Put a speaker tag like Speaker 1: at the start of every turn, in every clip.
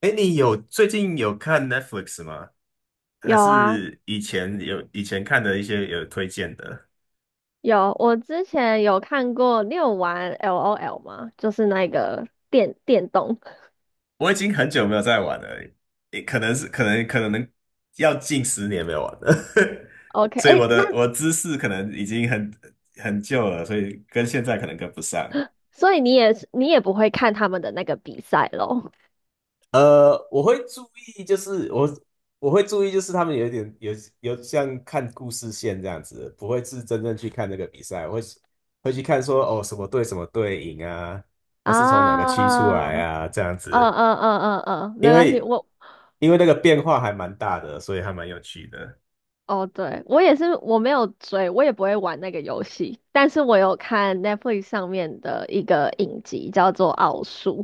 Speaker 1: 哎，你最近有看 Netflix 吗？还
Speaker 2: 有啊，
Speaker 1: 是以前看的一些有推荐的？
Speaker 2: 有，我之前有看过，你有玩 LOL 吗？就是那个电动。
Speaker 1: 我已经很久没有在玩了，也可能是可能可能要近十年没有玩了，
Speaker 2: OK，
Speaker 1: 所以
Speaker 2: 哎，
Speaker 1: 我的
Speaker 2: 那
Speaker 1: 我知识可能已经很旧了，所以跟现在可能跟不上。
Speaker 2: 所以你也是不会看他们的那个比赛咯？
Speaker 1: 我会注意，就是我会注意，就是他们有一点有有像看故事线这样子，不会是真正去看那个比赛，我会去看说哦什么队什么队赢啊，那是从哪个区出
Speaker 2: 啊，
Speaker 1: 来
Speaker 2: 嗯
Speaker 1: 啊这样
Speaker 2: 嗯
Speaker 1: 子，
Speaker 2: 嗯嗯嗯，没
Speaker 1: 因
Speaker 2: 关系，
Speaker 1: 为
Speaker 2: 我
Speaker 1: 因为那个变化还蛮大的，所以还蛮有趣的。
Speaker 2: 哦，对，我也是，我没有追，我也不会玩那个游戏，但是我有看 Netflix 上面的一个影集，叫做《奥数》，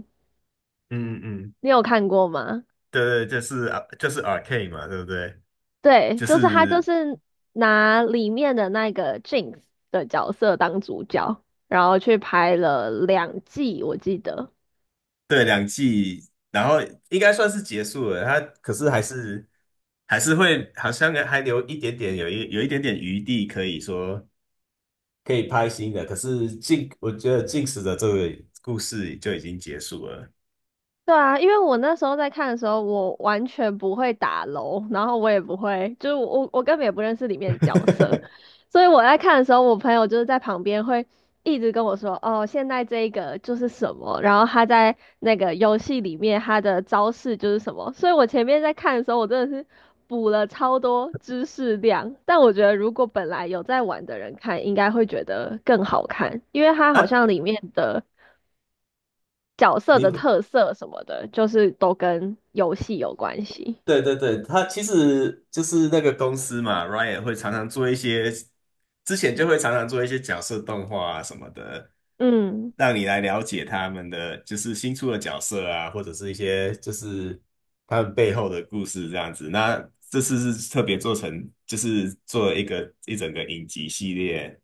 Speaker 1: 嗯嗯嗯，
Speaker 2: 你有看过吗？
Speaker 1: 对对，就是啊就是 Arcane 嘛，对不对？
Speaker 2: 对，
Speaker 1: 就
Speaker 2: 就是
Speaker 1: 是
Speaker 2: 拿里面的那个 Jinx 的角色当主角，然后去拍了两季，我记得。
Speaker 1: 对两季，然后应该算是结束了，它可是还是。还是会好像还留一点点，有一点点余地，可以拍新的。可是近，我觉得《近食的这个故事就已经结束了
Speaker 2: 对啊，因为我那时候在看的时候，我完全不会打楼，然后我也不会，就是我根本也不认识里面的角色，所以我在看的时候，我朋友就是在旁边会一直跟我说，哦，现在这一个就是什么，然后他在那个游戏里面他的招式就是什么，所以我前面在看的时候，我真的是补了超多知识量，但我觉得如果本来有在玩的人看，应该会觉得更好看，因为它好
Speaker 1: 啊。
Speaker 2: 像里面的角色
Speaker 1: 你
Speaker 2: 的
Speaker 1: 会
Speaker 2: 特色什么的，就是都跟游戏有关系。
Speaker 1: 对对对，他其实就是那个公司嘛 r y a n 会常常做一些，之前就会常常做一些角色动画啊什么的，
Speaker 2: 嗯，
Speaker 1: 让你来了解他们的就是新出的角色啊，或者是一些就是他们背后的故事这样子。那这次是特别做成，就是做了一整个影集系列，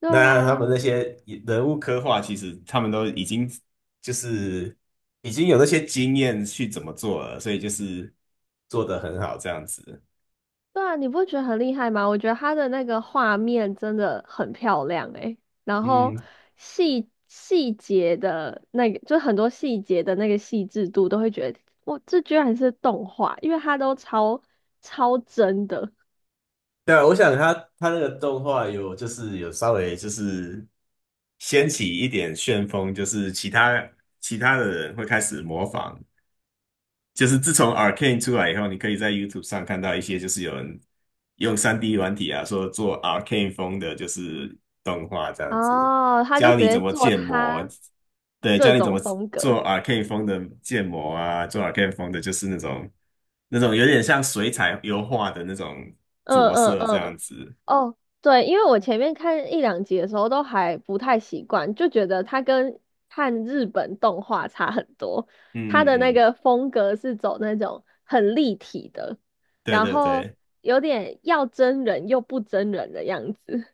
Speaker 2: 对
Speaker 1: 那他
Speaker 2: 啊，
Speaker 1: 们那些人物刻画，其实他们都已经就是已经有那些经验去怎么做了，所以就是做得很好这样子。
Speaker 2: 对啊，你不觉得很厉害吗？我觉得他的那个画面真的很漂亮诶，然后
Speaker 1: 嗯，
Speaker 2: 细节的那个，就很多细节的那个细致度，都会觉得哇，这居然是动画，因为它都超真的。
Speaker 1: 对啊我想他那个动画就是稍微就是掀起一点旋风，就是其他的人会开始模仿，就是自从 Arcane 出来以后，你可以在 YouTube 上看到一些就是有人用 3D 软体啊，说做 Arcane 风的，就是动画这样子，
Speaker 2: 哦，他就
Speaker 1: 教
Speaker 2: 直
Speaker 1: 你
Speaker 2: 接
Speaker 1: 怎么
Speaker 2: 做
Speaker 1: 建模，
Speaker 2: 他
Speaker 1: 对，
Speaker 2: 这
Speaker 1: 教你怎
Speaker 2: 种
Speaker 1: 么
Speaker 2: 风格，
Speaker 1: 做 Arcane 风的建模啊，做 Arcane 风的就是那种有点像水彩油画的那种
Speaker 2: 嗯
Speaker 1: 着
Speaker 2: 嗯
Speaker 1: 色这样
Speaker 2: 嗯。
Speaker 1: 子。
Speaker 2: 哦，对，因为我前面看一两集的时候都还不太习惯，就觉得它跟看日本动画差很多。它
Speaker 1: 嗯嗯
Speaker 2: 的那
Speaker 1: 嗯，
Speaker 2: 个风格是走那种很立体的，
Speaker 1: 对
Speaker 2: 然
Speaker 1: 对
Speaker 2: 后
Speaker 1: 对。
Speaker 2: 有点要真人又不真人的样子。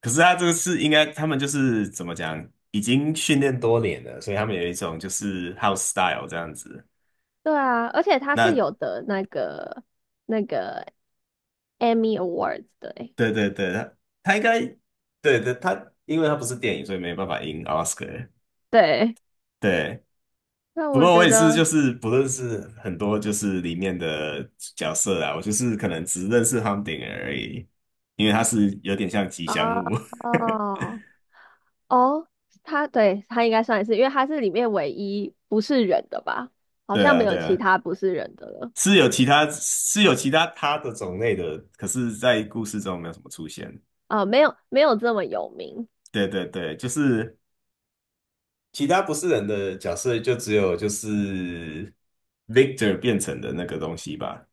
Speaker 1: 可是他这个是应该，他们就是怎么讲，已经训练多年了，所以他们有一种就是 house style 这样子。
Speaker 2: 对啊，而且它是
Speaker 1: 那
Speaker 2: 有的那个那个 Emmy Awards 的诶。
Speaker 1: 对对对，他应该对对他，因为他不是电影，所以没办法赢 Oscar。
Speaker 2: 对，
Speaker 1: 对，
Speaker 2: 那
Speaker 1: 不
Speaker 2: 我
Speaker 1: 过我
Speaker 2: 觉
Speaker 1: 也是，
Speaker 2: 得
Speaker 1: 就是不认识很多，就是里面的角色啊，我就是可能只认识 h u m d i n g 而已，因为他是有点像吉
Speaker 2: 哦
Speaker 1: 祥物。
Speaker 2: 哦。哦，他对他应该算是，因为他是里面唯一不是人的吧？好
Speaker 1: 对
Speaker 2: 像没
Speaker 1: 啊，
Speaker 2: 有
Speaker 1: 对
Speaker 2: 其
Speaker 1: 啊，
Speaker 2: 他不是人的了。
Speaker 1: 是有其他他的种类的，可是在故事中没有什么出现。
Speaker 2: 啊、没有没有这么有名。
Speaker 1: 对对对，就是其他不是人的角色，就只有就是 Victor 变成的那个东西吧。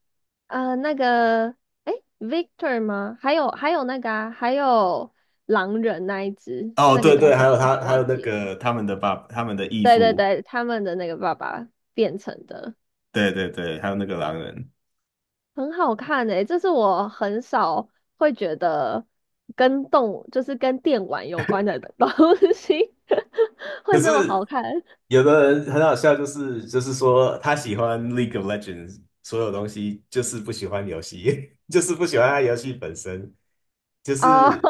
Speaker 2: 那个，哎，Victor 吗？还有那个啊，还有狼人那一只，
Speaker 1: 哦，
Speaker 2: 那个
Speaker 1: 对
Speaker 2: 叫
Speaker 1: 对，
Speaker 2: 什
Speaker 1: 还
Speaker 2: 么
Speaker 1: 有
Speaker 2: 名字
Speaker 1: 他，还有
Speaker 2: 忘
Speaker 1: 那
Speaker 2: 记了？
Speaker 1: 个他们的爸，他们的义
Speaker 2: 对对
Speaker 1: 父，
Speaker 2: 对，他们的那个爸爸变成的，
Speaker 1: 对对对，还有那个狼人。
Speaker 2: 很好看诶、这是我很少会觉得就是跟电玩有关的东西
Speaker 1: 可
Speaker 2: 会这么好
Speaker 1: 是
Speaker 2: 看。
Speaker 1: 有的人很好笑，就是说他喜欢 League of Legends 所有东西，就是不喜欢游戏，就是不喜欢他游戏本身，就
Speaker 2: 哦，
Speaker 1: 是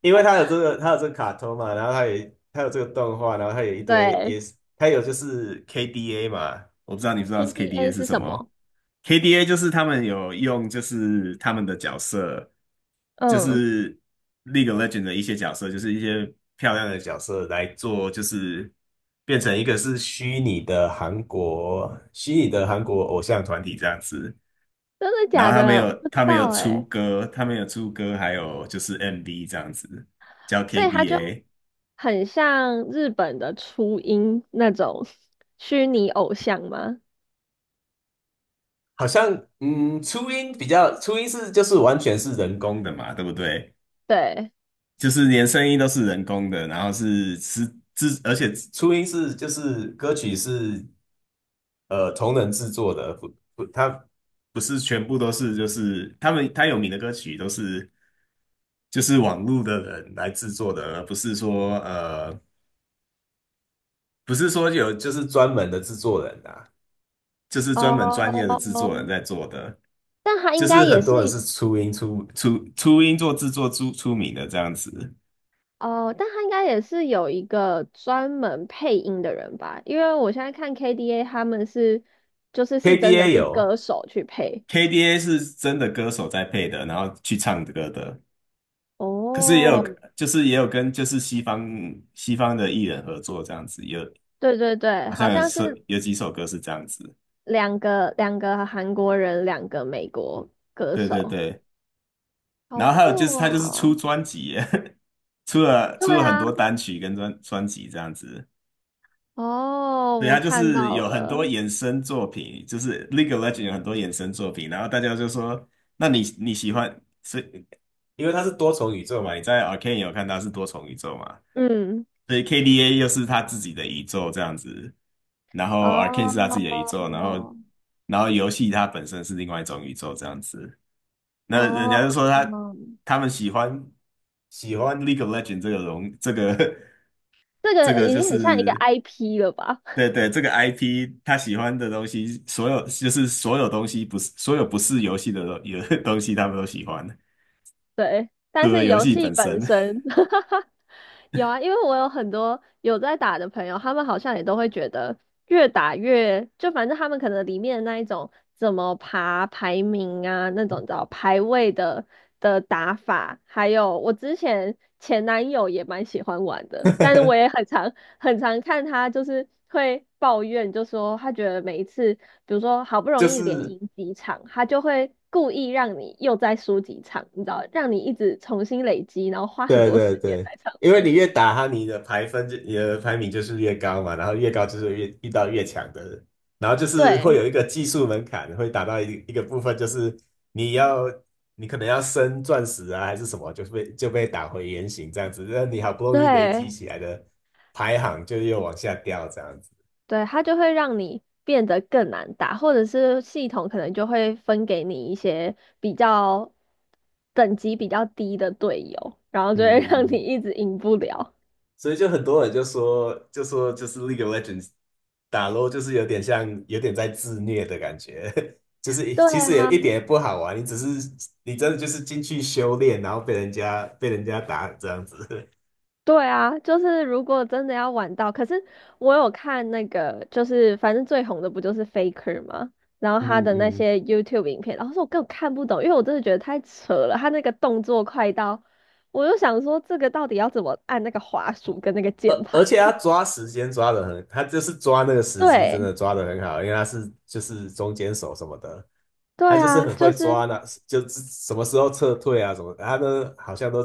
Speaker 1: 因 为他有这个卡通嘛，然后他也他有这个动画，然后他有一堆
Speaker 2: 对
Speaker 1: 也是他有就是 KDA 嘛，我不知道你不知道是 KDA
Speaker 2: ，KDA
Speaker 1: 是
Speaker 2: 是
Speaker 1: 什
Speaker 2: 什
Speaker 1: 么。
Speaker 2: 么？
Speaker 1: KDA 就是他们有用，就是他们的角色，就
Speaker 2: 嗯，
Speaker 1: 是 League of l e g e n d 的一些角色，就是一些漂亮的角色来做，就是变成一个是虚拟的韩国偶像团体这样子。
Speaker 2: 真的
Speaker 1: 然
Speaker 2: 假
Speaker 1: 后他没
Speaker 2: 的？我
Speaker 1: 有
Speaker 2: 不知
Speaker 1: 他没有
Speaker 2: 道
Speaker 1: 出
Speaker 2: 哎，
Speaker 1: 歌，他没有出歌，还有就是 MV 这样子，叫
Speaker 2: 所以他就
Speaker 1: KDA,
Speaker 2: 很像日本的初音那种虚拟偶像吗？
Speaker 1: 好像嗯，初音比较，初音是就是完全是人工的嘛，对不对？
Speaker 2: 对，
Speaker 1: 就是连声音都是人工的，然后是制，而且初音是就是歌曲是同人制作的，不不，它不是全部都是就是他们他有名的歌曲都是就是网络的人来制作的，而不是说不是说有就是专门的制作人啊，就是专业的制作人
Speaker 2: 哦，
Speaker 1: 在做的，
Speaker 2: 但他
Speaker 1: 就
Speaker 2: 应
Speaker 1: 是
Speaker 2: 该也
Speaker 1: 很多人
Speaker 2: 是
Speaker 1: 是初音初音做制作名的这样子
Speaker 2: 哦，但他应该也是有一个专门配音的人吧？因为我现在看 KDA 他们是就是真的
Speaker 1: ，KDA
Speaker 2: 是
Speaker 1: 有。
Speaker 2: 歌手去配。
Speaker 1: KDA 是真的歌手在配的，然后去唱歌的。可是也有，
Speaker 2: 哦，
Speaker 1: 就是也有跟就是西方的艺人合作这样子，有
Speaker 2: 对对对，
Speaker 1: 好
Speaker 2: 好
Speaker 1: 像
Speaker 2: 像是
Speaker 1: 有几首歌是这样子。
Speaker 2: 两个韩国人，两个美国歌
Speaker 1: 对对
Speaker 2: 手，
Speaker 1: 对，
Speaker 2: 好
Speaker 1: 然后还
Speaker 2: 酷
Speaker 1: 有就是他就是出
Speaker 2: 哦！
Speaker 1: 专辑耶 出了出
Speaker 2: 对
Speaker 1: 了很
Speaker 2: 啊，
Speaker 1: 多单曲跟专辑这样子。
Speaker 2: 哦，
Speaker 1: 对，
Speaker 2: 我
Speaker 1: 他就
Speaker 2: 看
Speaker 1: 是
Speaker 2: 到
Speaker 1: 有很多
Speaker 2: 了，
Speaker 1: 衍生作品，就是 l e g a e l e g e n d 有很多衍生作品，然后大家就说，那你喜欢，所以因为它是多重宇宙嘛，你在 Arcane 有看到是多重宇宙嘛？
Speaker 2: 嗯，
Speaker 1: 所以 k d a 又是他自己的宇宙这样子，然后 Arcane
Speaker 2: 哦
Speaker 1: 是他自己的宇宙，然后游戏它本身是另外一种宇宙这样子。那人家就
Speaker 2: 哦，
Speaker 1: 说他他们喜欢 League of Legends 这个荣这个
Speaker 2: 这
Speaker 1: 这
Speaker 2: 个
Speaker 1: 个
Speaker 2: 已
Speaker 1: 就
Speaker 2: 经很像一个
Speaker 1: 是
Speaker 2: IP 了吧？
Speaker 1: 对对这个 IP 他喜欢的东西，所有东西不是所有不是游戏的东有 东西他们都喜欢，
Speaker 2: 对，
Speaker 1: 除
Speaker 2: 但
Speaker 1: 了
Speaker 2: 是
Speaker 1: 游
Speaker 2: 游
Speaker 1: 戏
Speaker 2: 戏
Speaker 1: 本身，
Speaker 2: 本身，有啊，因为我有很多有在打的朋友，他们好像也都会觉得越打越，就反正他们可能里面的那一种怎么爬排名啊，那种叫排位的打法，还有我之前前男友也蛮喜欢玩的，但是我也 很常看他就是会抱怨，就说他觉得每一次，比如说好不容
Speaker 1: 就
Speaker 2: 易连
Speaker 1: 是
Speaker 2: 赢几场，他就会故意让你又再输几场，你知道，让你一直重新累积，然后花很
Speaker 1: 对
Speaker 2: 多
Speaker 1: 对
Speaker 2: 时间
Speaker 1: 对，
Speaker 2: 在上
Speaker 1: 因为
Speaker 2: 面。
Speaker 1: 你越打他，你的排名就是越高嘛，然后越高就是越遇到越强的人，然后就是会
Speaker 2: 对
Speaker 1: 有一个技术门槛，会打到一个部分，就是你要你可能要升钻石啊还是什么，就是被就被打回原形这样子，那你好不容易累积
Speaker 2: 对
Speaker 1: 起来的排行就又往下掉这样子。
Speaker 2: 对，他就会让你变得更难打，或者是系统可能就会分给你一些比较等级比较低的队友，然后就会 让你
Speaker 1: 嗯，
Speaker 2: 一直赢不了。
Speaker 1: 所以就很多人就说，就是 League of Legends 打 LoL 就是有点像，有点在自虐的感觉，就是一
Speaker 2: 对
Speaker 1: 其实也
Speaker 2: 啊，
Speaker 1: 一点也不好玩，你只是你真的就是进去修炼，然后被人家打这样子，
Speaker 2: 对啊，就是如果真的要玩到，可是我有看那个，就是反正最红的不就是 Faker 吗？然后
Speaker 1: 嗯
Speaker 2: 他的那
Speaker 1: 嗯，
Speaker 2: 些 YouTube 影片，然后说我根本看不懂，因为我真的觉得太扯了，他那个动作快到，我就想说这个到底要怎么按那个滑鼠跟那个
Speaker 1: 而
Speaker 2: 键
Speaker 1: 而
Speaker 2: 盘
Speaker 1: 且
Speaker 2: 呢、
Speaker 1: 他抓时间抓的很，他就是抓那个 时机真
Speaker 2: 对，
Speaker 1: 的抓的很好，因为他是就是中间手什么的，他
Speaker 2: 对
Speaker 1: 就是
Speaker 2: 啊，
Speaker 1: 很
Speaker 2: 就
Speaker 1: 会
Speaker 2: 是。
Speaker 1: 抓那，就是什么时候撤退啊什么的，他都好像都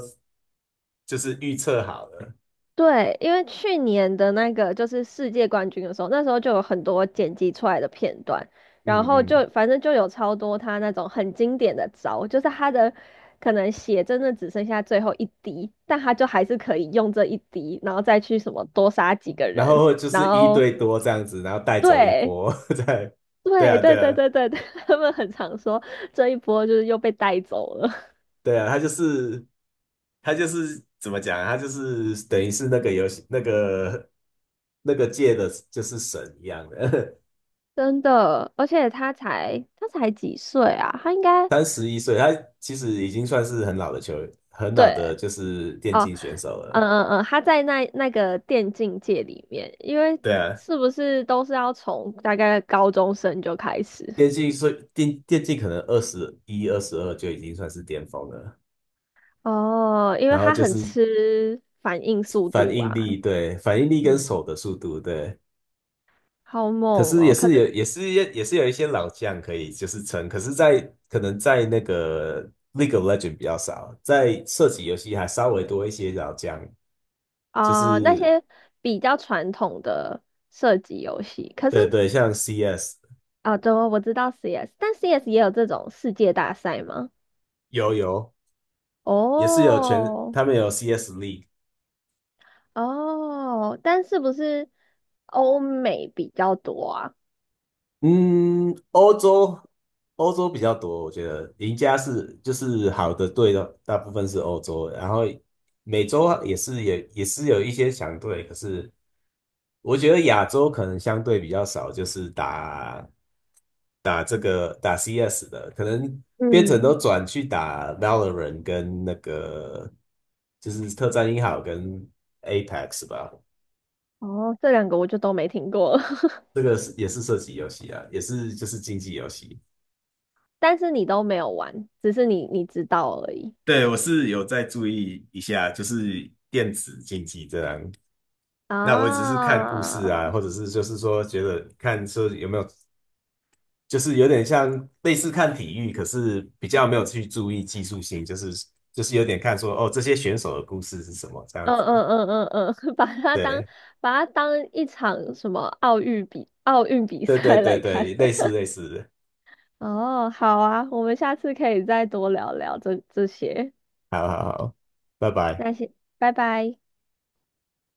Speaker 1: 就是预测好了。
Speaker 2: 对，因为去年的那个就是世界冠军的时候，那时候就有很多剪辑出来的片段，然
Speaker 1: 嗯
Speaker 2: 后
Speaker 1: 嗯
Speaker 2: 就反正就有超多他那种很经典的招，就是他的可能血真的只剩下最后一滴，但他就还是可以用这一滴，然后再去什么多杀几个
Speaker 1: 然
Speaker 2: 人，
Speaker 1: 后就是
Speaker 2: 然
Speaker 1: 一
Speaker 2: 后
Speaker 1: 对多这样子，然后带走一
Speaker 2: 对
Speaker 1: 波，对，对
Speaker 2: 对
Speaker 1: 啊，
Speaker 2: 对
Speaker 1: 对
Speaker 2: 对
Speaker 1: 啊，
Speaker 2: 对对，他们很常说这一波就是又被带走了，
Speaker 1: 对啊，他就是怎么讲啊？他就是等于是那个游戏那个界的，就是神一样的，
Speaker 2: 真的，而且他才几岁啊，他应 该
Speaker 1: 三十一岁，他其实已经算是很老的球，很老的
Speaker 2: 对。
Speaker 1: 就是电竞选手
Speaker 2: 嗯
Speaker 1: 了。
Speaker 2: 嗯嗯，他在那个电竞界里面，因为
Speaker 1: 对啊，
Speaker 2: 是不是都是要从大概高中生就开始？
Speaker 1: 电竞所以电电竞可能二十一、二十二就已经算是巅峰了，
Speaker 2: 哦，因为
Speaker 1: 然后
Speaker 2: 他
Speaker 1: 就
Speaker 2: 很
Speaker 1: 是
Speaker 2: 吃反应速
Speaker 1: 反
Speaker 2: 度
Speaker 1: 应
Speaker 2: 啊，
Speaker 1: 力，对，反应力跟
Speaker 2: 嗯，
Speaker 1: 手的速度，对。
Speaker 2: 好
Speaker 1: 可
Speaker 2: 猛
Speaker 1: 是
Speaker 2: 哦。
Speaker 1: 也是有一些老将可以就是撑，可是在，可能在那个 League of Legends 比较少，在射击游戏还稍微多一些老将，就
Speaker 2: 啊、那
Speaker 1: 是
Speaker 2: 些比较传统的射击游戏，可是
Speaker 1: 对对，像 CS
Speaker 2: 啊，对哦，我知道 CS，但 CS 也有这种世界大赛吗？
Speaker 1: 有也是有全
Speaker 2: 哦
Speaker 1: 他们有 CS League,
Speaker 2: 哦，但是不是欧美比较多啊？
Speaker 1: 嗯，欧洲比较多，我觉得赢家是就是好的队的大部分是欧洲，然后美洲也是有一些强队，可是。我觉得亚洲可能相对比较少，就是打打 CS 的，可能变成都
Speaker 2: 嗯。
Speaker 1: 转去打 Valorant 跟那个就是特战英豪跟 Apex 吧，
Speaker 2: 哦，这两个我就都没听过了
Speaker 1: 这个是也是射击游戏啊，也是就是竞技游戏。
Speaker 2: 但是你都没有玩，只是你知道而已
Speaker 1: 对，我是有在注意一下，就是电子竞技这样。那我只是看故事
Speaker 2: 啊。
Speaker 1: 啊，或者是就是说觉得看说有没有就是有点像类似看体育，可是比较没有去注意技术性，就是就是有点看说哦，这些选手的故事是什么这样
Speaker 2: 嗯
Speaker 1: 子。
Speaker 2: 嗯嗯嗯嗯，
Speaker 1: 对，
Speaker 2: 把它当一场什么奥运比
Speaker 1: 对对
Speaker 2: 赛
Speaker 1: 对
Speaker 2: 来
Speaker 1: 对，
Speaker 2: 看。
Speaker 1: 类似 类似。
Speaker 2: 哦，好啊，我们下次可以再多聊聊这些，
Speaker 1: 好好好，拜拜。
Speaker 2: 那先拜拜。